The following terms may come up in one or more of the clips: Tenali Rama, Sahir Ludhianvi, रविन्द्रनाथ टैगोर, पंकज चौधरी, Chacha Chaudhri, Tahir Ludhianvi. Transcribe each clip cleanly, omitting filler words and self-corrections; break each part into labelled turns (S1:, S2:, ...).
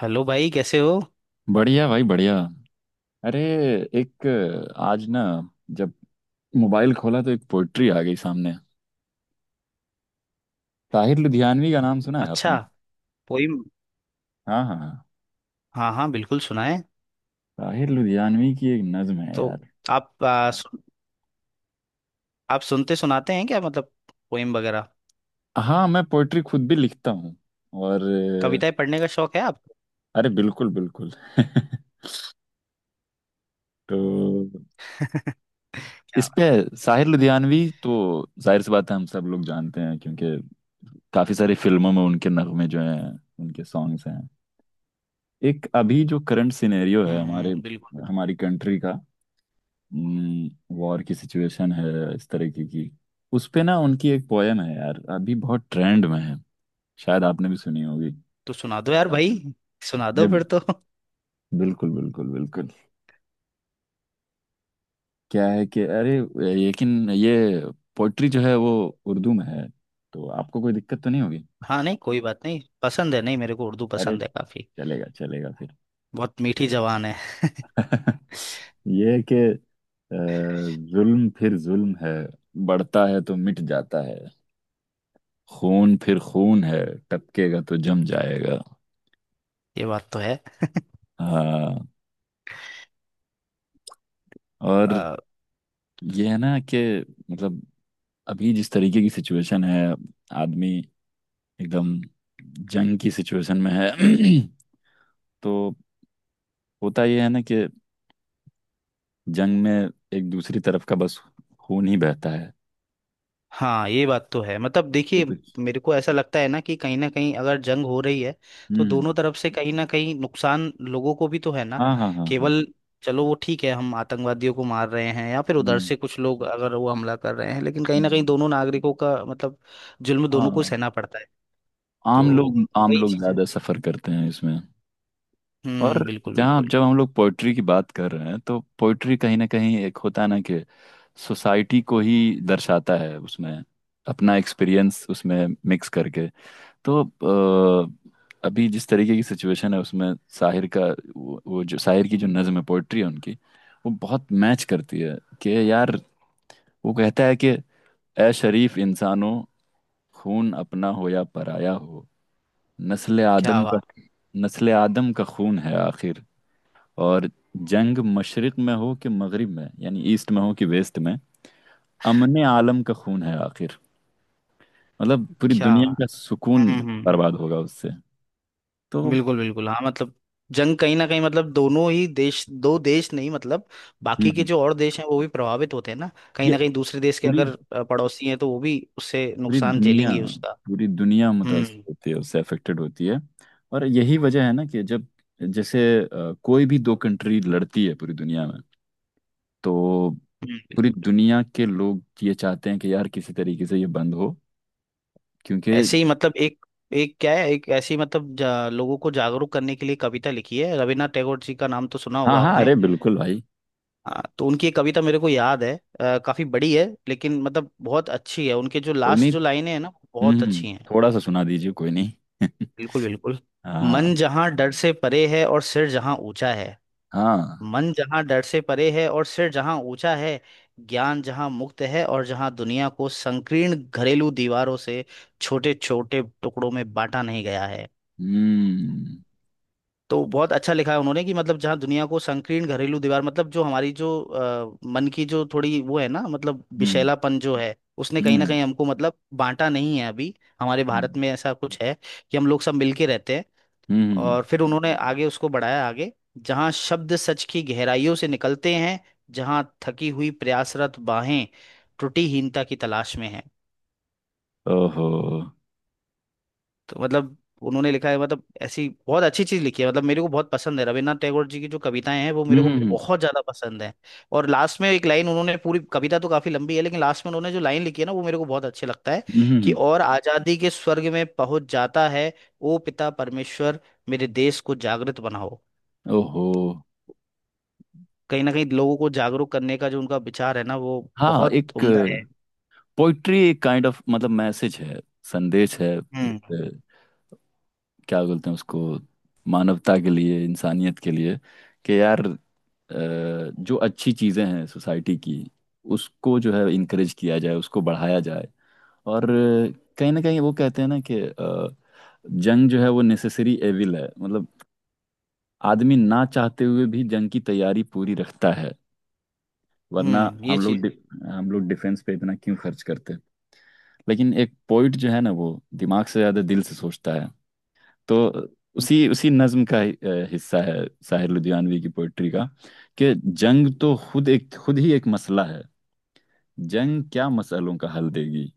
S1: Hello भाई, कैसे हो?
S2: बढ़िया भाई बढ़िया। अरे, एक, आज ना जब मोबाइल खोला तो एक पोइट्री आ गई सामने। ताहिर लुधियानवी का नाम सुना है
S1: अच्छा।
S2: आपने?
S1: पोइम?
S2: हाँ, हाँ, हाँ।
S1: हाँ हाँ, बिल्कुल सुनाए।
S2: ताहिर लुधियानवी की एक नज्म है
S1: तो
S2: यार।
S1: आप आप सुनते सुनाते हैं, क्या मतलब पोइम वगैरह?
S2: हाँ, मैं पोइट्री खुद भी लिखता हूँ और
S1: कविताएं पढ़ने का शौक है आपको?
S2: अरे बिल्कुल बिल्कुल। तो
S1: क्या
S2: इस पे
S1: बात है।
S2: ताहिर लुधियानवी तो जाहिर सी बात है, हम सब लोग जानते हैं क्योंकि काफी सारी फिल्मों में उनके नगमे जो हैं, उनके सॉन्ग्स हैं। एक अभी जो करंट सिनेरियो है हमारे,
S1: बिल्कुल बिल्कुल।
S2: हमारी कंट्री का, वॉर की सिचुएशन है इस तरीके की। उस पे ना उनकी एक पोयम है यार, अभी बहुत ट्रेंड में है, शायद आपने भी सुनी होगी।
S1: तो सुना दो यार भाई, सुना
S2: अरे
S1: दो फिर तो।
S2: बिल्कुल बिल्कुल बिल्कुल। क्या है कि अरे, लेकिन ये पोइट्री जो है वो उर्दू में है, तो आपको कोई दिक्कत तो नहीं होगी।
S1: हाँ नहीं कोई बात नहीं, पसंद है। नहीं, मेरे को उर्दू
S2: अरे
S1: पसंद है काफी।
S2: चलेगा चलेगा फिर।
S1: बहुत मीठी जबान है।
S2: ये है कि जुल्म फिर जुल्म है, बढ़ता है तो मिट जाता है। खून फिर खून है, टपकेगा तो जम जाएगा।
S1: ये बात तो है।
S2: हाँ। और ये है ना कि मतलब अभी जिस तरीके की सिचुएशन है, आदमी एकदम जंग की सिचुएशन में है। तो होता ये है ना कि जंग में एक दूसरी तरफ का बस खून ही बहता है,
S1: हाँ ये बात तो है। मतलब
S2: इससे
S1: देखिए,
S2: कुछ।
S1: मेरे को ऐसा लगता है ना कि कहीं ना कहीं अगर जंग हो रही है तो दोनों
S2: हम्म।
S1: तरफ से कहीं ना कहीं नुकसान लोगों को भी तो है ना।
S2: हाँ, हाँ, हाँ, हाँ।
S1: केवल चलो वो ठीक है, हम आतंकवादियों को मार रहे हैं या फिर उधर
S2: हम्म,
S1: से कुछ लोग अगर वो हमला कर रहे हैं, लेकिन कहीं ना कहीं
S2: हम्म।
S1: दोनों नागरिकों का मतलब जुल्म दोनों को
S2: हाँ।
S1: सहना पड़ता है। तो
S2: आम
S1: वही
S2: लोग
S1: चीज है।
S2: ज्यादा सफर करते हैं इसमें। और
S1: बिल्कुल
S2: जहाँ
S1: बिल्कुल।
S2: जब हम लोग पोइट्री की बात कर रहे हैं, तो पोइट्री कहीं ना कहीं एक होता है ना कि सोसाइटी को ही दर्शाता है, उसमें अपना एक्सपीरियंस उसमें मिक्स करके। तो अभी जिस तरीके की सिचुएशन है उसमें शाहिर का वो जो शाहिर की जो नज्म है, पोइट्री है उनकी, वो बहुत मैच करती है कि यार, वो कहता है कि ए शरीफ इंसानों, खून अपना हो या पराया हो, नस्ल
S1: क्या
S2: आदम का
S1: बात।
S2: नस्ल आदम का खून है आखिर। और जंग मशरिक में हो कि मगरिब में, यानी ईस्ट में हो कि वेस्ट में, अमने आलम का खून है आखिर। मतलब पूरी
S1: क्या
S2: दुनिया
S1: बात।
S2: का सुकून
S1: हम्म।
S2: बर्बाद होगा उससे। तो हम्म।
S1: बिल्कुल बिल्कुल, हाँ मतलब जंग कहीं ना कहीं मतलब दोनों ही देश, दो देश नहीं मतलब बाकी के
S2: हम्म।
S1: जो और देश हैं वो भी प्रभावित होते हैं ना। कहीं
S2: ये
S1: ना कहीं दूसरे देश के
S2: पूरी
S1: अगर पड़ोसी हैं तो वो भी उससे
S2: पूरी
S1: नुकसान
S2: दुनिया
S1: झेलेंगे उसका।
S2: पूरी दुनिया
S1: हम्म।
S2: मुतासर होती है उससे, अफेक्टेड होती है। और यही वजह है ना कि जब, जैसे कोई भी दो कंट्री लड़ती है पूरी दुनिया में, तो पूरी
S1: हम्म।
S2: दुनिया के लोग ये चाहते हैं कि यार किसी तरीके से ये बंद हो, क्योंकि।
S1: ऐसे ही मतलब एक, एक क्या है, एक ऐसी मतलब लोगों को जागरूक करने के लिए कविता लिखी है। रविन्द्रनाथ टैगोर जी का नाम तो सुना
S2: हाँ,
S1: होगा
S2: हाँ,
S1: आपने?
S2: अरे बिल्कुल भाई।
S1: हाँ, तो उनकी एक कविता मेरे को याद है। काफी बड़ी है लेकिन मतलब बहुत अच्छी है। उनके जो
S2: कोई नहीं।
S1: लास्ट जो लाइनें हैं ना बहुत
S2: हम्म।
S1: अच्छी हैं।
S2: थोड़ा सा सुना दीजिए, कोई नहीं।
S1: बिल्कुल बिल्कुल।
S2: हाँ।
S1: मन जहाँ डर से परे है और सिर जहाँ ऊंचा है।
S2: हाँ।
S1: मन जहाँ डर से परे है और सिर जहाँ ऊंचा है। ज्ञान जहाँ मुक्त है और जहाँ दुनिया को संकीर्ण घरेलू दीवारों से छोटे छोटे टुकड़ों में बांटा नहीं गया है।
S2: हम्म।
S1: तो बहुत अच्छा लिखा है उन्होंने कि मतलब जहाँ दुनिया को संकीर्ण घरेलू दीवार, मतलब जो हमारी जो मन की जो थोड़ी वो है ना, मतलब
S2: हम्म।
S1: विषैलापन जो है उसने
S2: हम्म।
S1: कहीं
S2: हम्म।
S1: ना कहीं हमको मतलब बांटा नहीं है अभी। हमारे भारत
S2: हम्म।
S1: में ऐसा कुछ है कि हम लोग सब मिलके रहते हैं।
S2: हम्म।
S1: और फिर उन्होंने आगे उसको बढ़ाया आगे। जहाँ शब्द सच की गहराइयों से निकलते हैं, जहाँ थकी हुई प्रयासरत बाहें त्रुटिहीनता की तलाश में हैं।
S2: ओहो।
S1: तो मतलब उन्होंने लिखा है, मतलब ऐसी बहुत अच्छी चीज लिखी है। मतलब मेरे को बहुत पसंद है रविन्द्रनाथ टैगोर जी की जो कविताएं हैं वो
S2: हम्म।
S1: मेरे को
S2: हम्म।
S1: बहुत ज्यादा पसंद है। और लास्ट में एक लाइन, उन्होंने पूरी कविता तो काफी लंबी है लेकिन लास्ट में उन्होंने जो लाइन लिखी है ना वो मेरे को बहुत अच्छी लगता है,
S2: हम्म। हम्म।
S1: कि
S2: हम्म।
S1: और आजादी के स्वर्ग में पहुंच जाता है, ओ पिता परमेश्वर, मेरे देश को जागृत बनाओ।
S2: ओहो।
S1: कहीं ना कहीं लोगों को जागरूक करने का जो उनका विचार है ना वो
S2: हाँ,
S1: बहुत
S2: एक
S1: उम्दा है।
S2: पोइट्री एक काइंड ऑफ मतलब मैसेज है, संदेश है। एक
S1: हम्म
S2: क्या बोलते हैं उसको, मानवता के लिए, इंसानियत के लिए, कि यार अ, जो अच्छी चीज़ें हैं सोसाइटी की, उसको जो है इनक्रेज किया जाए, उसको बढ़ाया जाए। और कहीं ना कहीं वो कहते हैं ना कि जंग जो है वो नेसेसरी एविल है, मतलब आदमी ना चाहते हुए भी जंग की तैयारी पूरी रखता है, वरना
S1: हम्म, ये
S2: हम लोग
S1: चीज
S2: डि, हम लोग डिफेंस पे इतना क्यों खर्च करते हैं। लेकिन एक पोइट जो है ना, वो दिमाग से ज्यादा दिल से सोचता है। तो
S1: है।
S2: उसी उसी नज्म का ही हिस्सा है, साहिर लुधियानवी की पोइट्री का, कि जंग तो खुद ही एक मसला है। जंग क्या मसलों का हल देगी,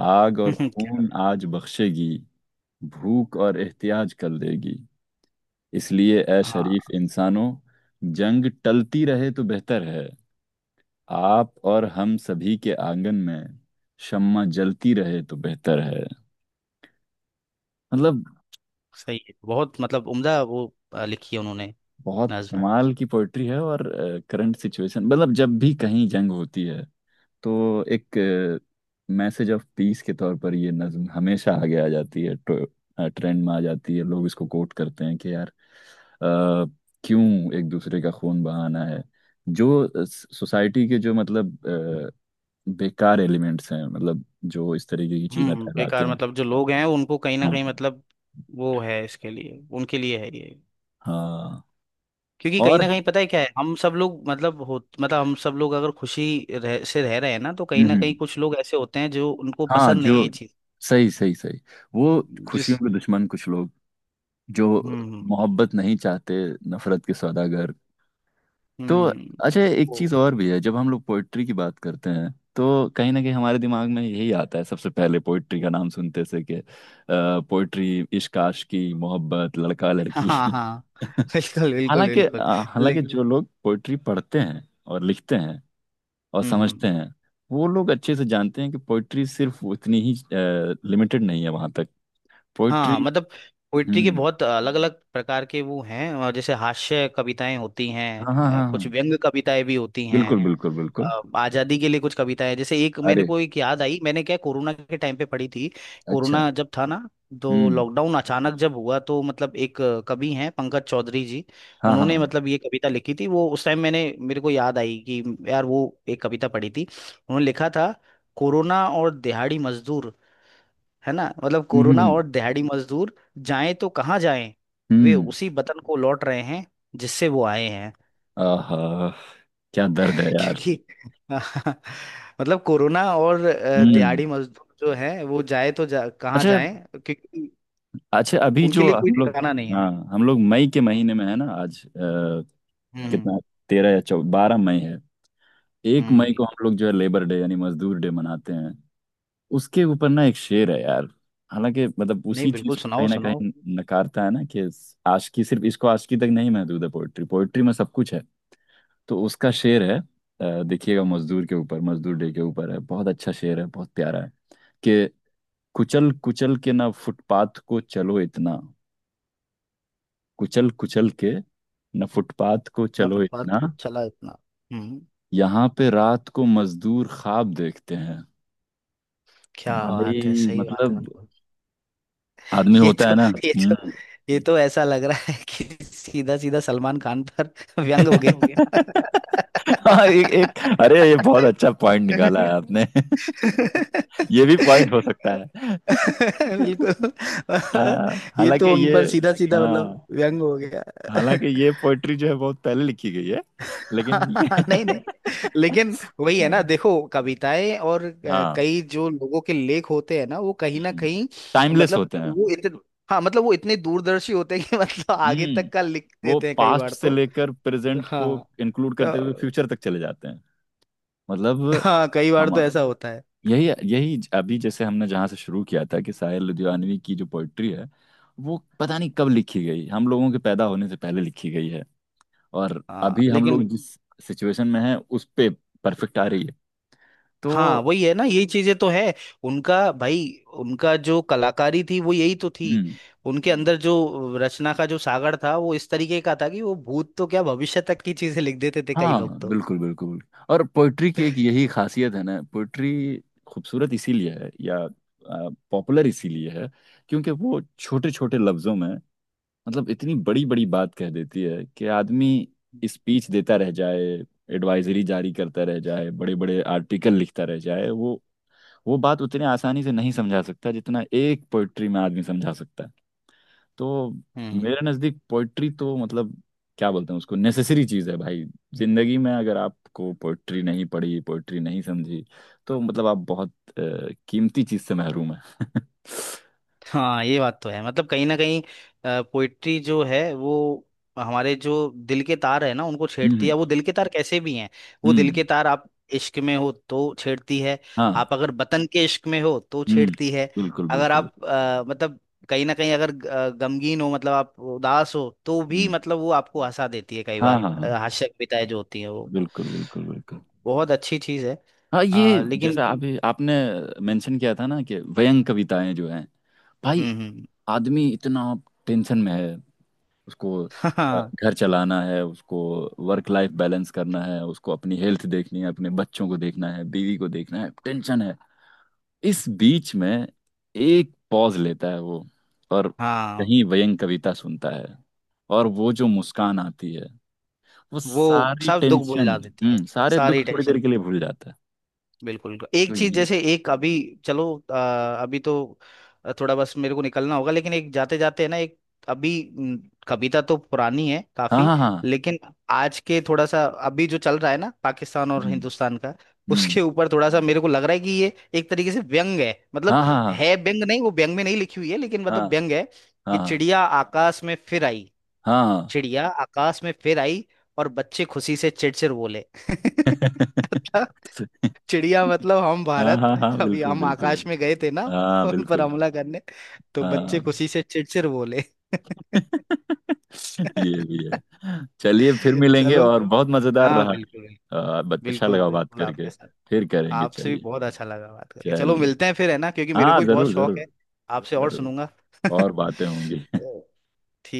S2: आग और
S1: क्या-
S2: खून आज बख्शेगी, भूख और एहतियाज कर देगी। इसलिए ए
S1: हाँ
S2: शरीफ इंसानों, जंग टलती रहे तो बेहतर है, आप और हम सभी के आंगन में शम्मा जलती रहे तो बेहतर है। मतलब
S1: सही है, बहुत मतलब उम्दा वो लिखी है उन्होंने।
S2: बहुत
S1: नज्म।
S2: कमाल की पोइट्री है। और करंट सिचुएशन, मतलब जब भी कहीं जंग होती है, तो एक मैसेज ऑफ पीस के तौर पर ये नज्म हमेशा आगे आ जाती है, ट्रेंड में आ जाती है, लोग इसको कोट करते हैं कि यार अ, क्यों एक दूसरे का खून बहाना है। जो सोसाइटी के जो मतलब बेकार एलिमेंट्स हैं, मतलब जो इस तरीके की चीजें फैलाते
S1: बेकार
S2: हैं।
S1: मतलब जो लोग हैं उनको कहीं ना
S2: हाँ,
S1: कहीं मतलब वो है, इसके लिए उनके लिए है ये।
S2: हाँ।
S1: क्योंकि कहीं
S2: और।
S1: ना कहीं पता है क्या है, हम सब लोग मतलब हो मतलब हम सब लोग अगर से रह रहे हैं ना, तो कहीं
S2: हम्म,
S1: ना
S2: हम्म।
S1: कहीं कुछ लोग ऐसे होते हैं जो उनको
S2: हाँ
S1: पसंद नहीं है
S2: जो
S1: ये चीज।
S2: सही सही सही। वो खुशियों के दुश्मन कुछ लोग जो
S1: हम्म।
S2: मोहब्बत नहीं चाहते, नफरत के सौदागर। तो अच्छा,
S1: हम्म।
S2: एक चीज और भी है, जब हम लोग पोइट्री की बात करते हैं तो कहीं ना कहीं हमारे दिमाग में यही आता है सबसे पहले, पोइट्री का नाम सुनते से कि पोइट्री इश्क आशिकी मोहब्बत लड़का लड़की।
S1: हाँ हाँ, बिल्कुल बिल्कुल
S2: हालांकि
S1: बिल्कुल।
S2: हालांकि
S1: लेकिन
S2: जो लोग पोइट्री पढ़ते हैं और लिखते हैं और
S1: हम्म हम्म,
S2: समझते हैं, वो लोग अच्छे से जानते हैं कि पोइट्री सिर्फ उतनी ही लिमिटेड नहीं है वहां तक।
S1: हाँ
S2: पोइट्री।
S1: मतलब पोइट्री के
S2: हम्म।
S1: बहुत अलग अलग प्रकार के वो हैं, और जैसे हास्य कविताएं होती
S2: हाँ,
S1: हैं,
S2: हाँ, हाँ,
S1: कुछ
S2: हाँ।
S1: व्यंग कविताएं भी होती हैं।
S2: बिल्कुल बिल्कुल बिल्कुल।
S1: आजादी के लिए कुछ कविता है, जैसे एक मेरे
S2: अरे।
S1: को एक याद आई, मैंने क्या कोरोना के टाइम पे पढ़ी थी।
S2: अच्छा।
S1: कोरोना जब था ना, तो
S2: हम्म।
S1: लॉकडाउन अचानक जब हुआ तो मतलब एक कवि हैं पंकज चौधरी जी।
S2: हाँ, हाँ,
S1: उन्होंने
S2: हाँ।
S1: मतलब ये कविता लिखी थी, वो उस टाइम मैंने मेरे को याद आई कि यार वो, एक कविता पढ़ी थी, उन्होंने लिखा था कोरोना और दिहाड़ी मजदूर। है ना, मतलब
S2: हम्म, हम्म।
S1: कोरोना और
S2: हम्म।
S1: दिहाड़ी मजदूर जाएं तो कहाँ जाएं। वे
S2: हम्म।
S1: उसी वतन को लौट रहे हैं जिससे वो आए हैं।
S2: आहा, क्या दर्द है यार।
S1: क्योंकि मतलब कोरोना और
S2: हम्म।
S1: दिहाड़ी मजदूर जो है, वो जाए तो कहाँ
S2: अच्छा।
S1: जाए। क्योंकि
S2: अच्छा, अभी
S1: उनके
S2: जो
S1: लिए कोई
S2: हम लोग,
S1: ठिकाना नहीं है।
S2: हाँ, हम लोग मई के
S1: हम्म।
S2: महीने में है ना आज,
S1: हम्म
S2: कितना, तेरह या चौ 12 मई है। एक मई को
S1: बिल्कुल।
S2: हम लोग जो है लेबर डे, यानी मजदूर डे मनाते हैं। उसके ऊपर ना एक शेर है यार, हालांकि मतलब
S1: नहीं
S2: उसी चीज
S1: बिल्कुल,
S2: को
S1: सुनाओ
S2: कहीं ना
S1: सुनाओ।
S2: कहीं नकारता है ना, कि आशिकी सिर्फ, इसको आशिकी तक नहीं महदूद है, पोइट्री, पोइट्री में सब कुछ है। तो उसका शेर है देखिएगा, मजदूर के ऊपर, मजदूर डे के ऊपर है, बहुत अच्छा शेर है, बहुत प्यारा है, कि कुचल कुचल के ना फुटपाथ को चलो इतना कुचल कुचल के ना फुटपाथ को
S1: इतना
S2: चलो
S1: फुटपाथ
S2: इतना,
S1: को चला इतना। हम्म।
S2: यहाँ पे रात को मजदूर ख्वाब देखते हैं।
S1: क्या बात है,
S2: भाई
S1: सही बात है,
S2: मतलब,
S1: बिल्कुल।
S2: आदमी
S1: ये
S2: होता है
S1: तो,
S2: ना
S1: ये तो,
S2: बंद।
S1: ये तो ऐसा लग रहा है कि सीधा सीधा सलमान खान पर व्यंग हो
S2: हो
S1: गया।
S2: गया। हम्म। हाँ, एक एक अरे ये बहुत अच्छा पॉइंट निकाला है आपने। ये भी पॉइंट हो सकता है।
S1: बिल्कुल।
S2: हाँ
S1: ये
S2: हालांकि
S1: तो उन
S2: ये
S1: पर सीधा सीधा मतलब
S2: हाँ
S1: व्यंग हो गया।
S2: हालांकि ये पोइट्री जो है बहुत पहले लिखी गई है, लेकिन ये।
S1: नहीं नहीं। लेकिन वही है ना, देखो कविताएं और
S2: हाँ,
S1: कई जो लोगों के लेख होते हैं ना वो कहीं ना कहीं,
S2: टाइमलेस
S1: मतलब
S2: होते हैं।
S1: वो इतने, हाँ मतलब वो इतने दूरदर्शी होते हैं कि मतलब आगे
S2: हम्म।
S1: तक का लिख
S2: वो
S1: देते हैं कई
S2: पास्ट
S1: बार
S2: से
S1: तो।
S2: लेकर प्रेजेंट को
S1: हाँ
S2: इंक्लूड करते हुए
S1: अ,
S2: फ्यूचर तक चले जाते हैं। मतलब
S1: हाँ कई बार
S2: हम
S1: तो ऐसा होता है।
S2: यही यही अभी जैसे हमने जहाँ से शुरू किया था, कि साहिर लुधियानवी की जो पोइट्री है, वो पता नहीं कब लिखी गई, हम लोगों के पैदा होने से पहले लिखी गई है, और
S1: हाँ
S2: अभी हम लोग
S1: लेकिन,
S2: जिस सिचुएशन में हैं उस पे परफेक्ट आ रही है। तो
S1: हाँ वही है ना, यही चीजें तो है उनका भाई, उनका जो कलाकारी थी वो यही तो थी।
S2: हम्म।
S1: उनके अंदर जो रचना का जो सागर था, वो इस तरीके का था कि वो भूत तो क्या भविष्य तक की चीजें लिख देते थे कई
S2: हाँ
S1: लोग तो।
S2: बिल्कुल बिल्कुल। और पोइट्री की एक यही खासियत है ना, पोइट्री खूबसूरत इसीलिए है या पॉपुलर इसीलिए है, क्योंकि वो छोटे छोटे लफ्जों में मतलब इतनी बड़ी बड़ी बात कह देती है, कि आदमी स्पीच देता रह जाए, एडवाइजरी जारी करता रह जाए, बड़े बड़े आर्टिकल लिखता रह जाए, वो बात उतनी आसानी से नहीं समझा सकता जितना एक पोइट्री में आदमी समझा सकता है। तो
S1: हम्म।
S2: मेरे नज़दीक पोइट्री तो मतलब क्या बोलते हैं उसको, नेसेसरी चीज़ है भाई। जिंदगी में अगर आपको पोइट्री नहीं पढ़ी, पोइट्री नहीं समझी, तो मतलब आप बहुत कीमती चीज़ से महरूम है।
S1: हाँ ये बात तो है, मतलब कहीं ना कहीं पोइट्री जो है वो हमारे जो दिल के तार है ना उनको छेड़ती है।
S2: हम्म।
S1: वो दिल के तार कैसे भी हैं, वो
S2: हम्म।
S1: दिल
S2: हम्म।
S1: के तार आप इश्क में हो तो छेड़ती है।
S2: हाँ।
S1: आप अगर वतन के इश्क में हो तो
S2: हम्म,
S1: छेड़ती है।
S2: बिल्कुल
S1: अगर
S2: बिल्कुल।
S1: आप मतलब कहीं ना कहीं अगर गमगीन हो, मतलब आप उदास हो तो भी,
S2: हम्म।
S1: मतलब वो आपको हंसा देती है कई
S2: हाँ,
S1: बार,
S2: हाँ, हाँ,
S1: हास्य कविताएं जो होती हैं वो,
S2: बिल्कुल बिल्कुल बिल्कुल।
S1: बहुत अच्छी चीज है।
S2: हाँ, ये जैसे
S1: लेकिन
S2: आप आपने मेंशन किया था ना कि व्यंग कविताएं जो हैं, भाई
S1: हम्म।
S2: आदमी इतना टेंशन में है, उसको
S1: हाँ
S2: घर चलाना है, उसको वर्क लाइफ बैलेंस करना है, उसको अपनी हेल्थ देखनी है, अपने बच्चों को देखना है, बीवी को देखना है, टेंशन है। इस बीच में एक पॉज लेता है वो, और
S1: हाँ,
S2: कहीं व्यंग कविता सुनता है, और वो जो मुस्कान आती है, वो
S1: वो
S2: सारी
S1: सब दुख
S2: टेंशन।
S1: भुला देती है,
S2: हम्म, सारे दुख
S1: सारी
S2: थोड़ी
S1: टेंशन
S2: देर के लिए
S1: खत्म।
S2: भूल जाता है।
S1: बिल्कुल
S2: तो
S1: एक चीज,
S2: ये।
S1: जैसे एक अभी, चलो, अ, अभी तो थोड़ा बस मेरे को निकलना होगा, लेकिन एक जाते जाते है ना, एक अभी म, कविता तो पुरानी है
S2: हाँ,
S1: काफी,
S2: हाँ, हाँ।
S1: लेकिन आज के थोड़ा सा अभी जो चल रहा है ना पाकिस्तान और
S2: हम्म,
S1: हिंदुस्तान का, उसके
S2: हम्म।
S1: ऊपर थोड़ा सा मेरे को लग रहा है कि ये एक तरीके से व्यंग है, मतलब
S2: हाँ, हाँ,
S1: है व्यंग नहीं, वो व्यंग में नहीं लिखी हुई है लेकिन
S2: हाँ,
S1: मतलब व्यंग है, कि
S2: हाँ।
S1: चिड़िया आकाश में फिर आई।
S2: हाँ, हाँ।
S1: चिड़िया आकाश में फिर आई और बच्चे खुशी से चिड़चिड़ बोले। मतलब चिड़िया मतलब हम
S2: हाँ,
S1: भारत,
S2: हाँ, हाँ, हाँ,
S1: अभी
S2: बिल्कुल
S1: हम
S2: बिल्कुल।
S1: आकाश में गए थे ना
S2: हाँ
S1: उन पर
S2: बिल्कुल।
S1: हमला करने। तो बच्चे
S2: हाँ।
S1: खुशी से चिड़चिड़ बोले।
S2: ये भी है, चलिए फिर मिलेंगे,
S1: चलो।
S2: और बहुत मजेदार
S1: हाँ
S2: रहा।
S1: बिल्कुल
S2: अच्छा
S1: बिल्कुल,
S2: लगा बात
S1: बिल्कुल
S2: करके।
S1: आपके साथ।
S2: फिर करेंगे,
S1: आपसे भी
S2: चलिए।
S1: बहुत अच्छा लगा बात करके, चलो
S2: चलिए।
S1: मिलते हैं फिर है ना, क्योंकि मेरे को
S2: हाँ,
S1: भी बहुत
S2: जरूर
S1: शौक है
S2: जरूर।
S1: आपसे, और
S2: जरूर।
S1: सुनूंगा। तो,
S2: और बातें होंगी।
S1: ठीक।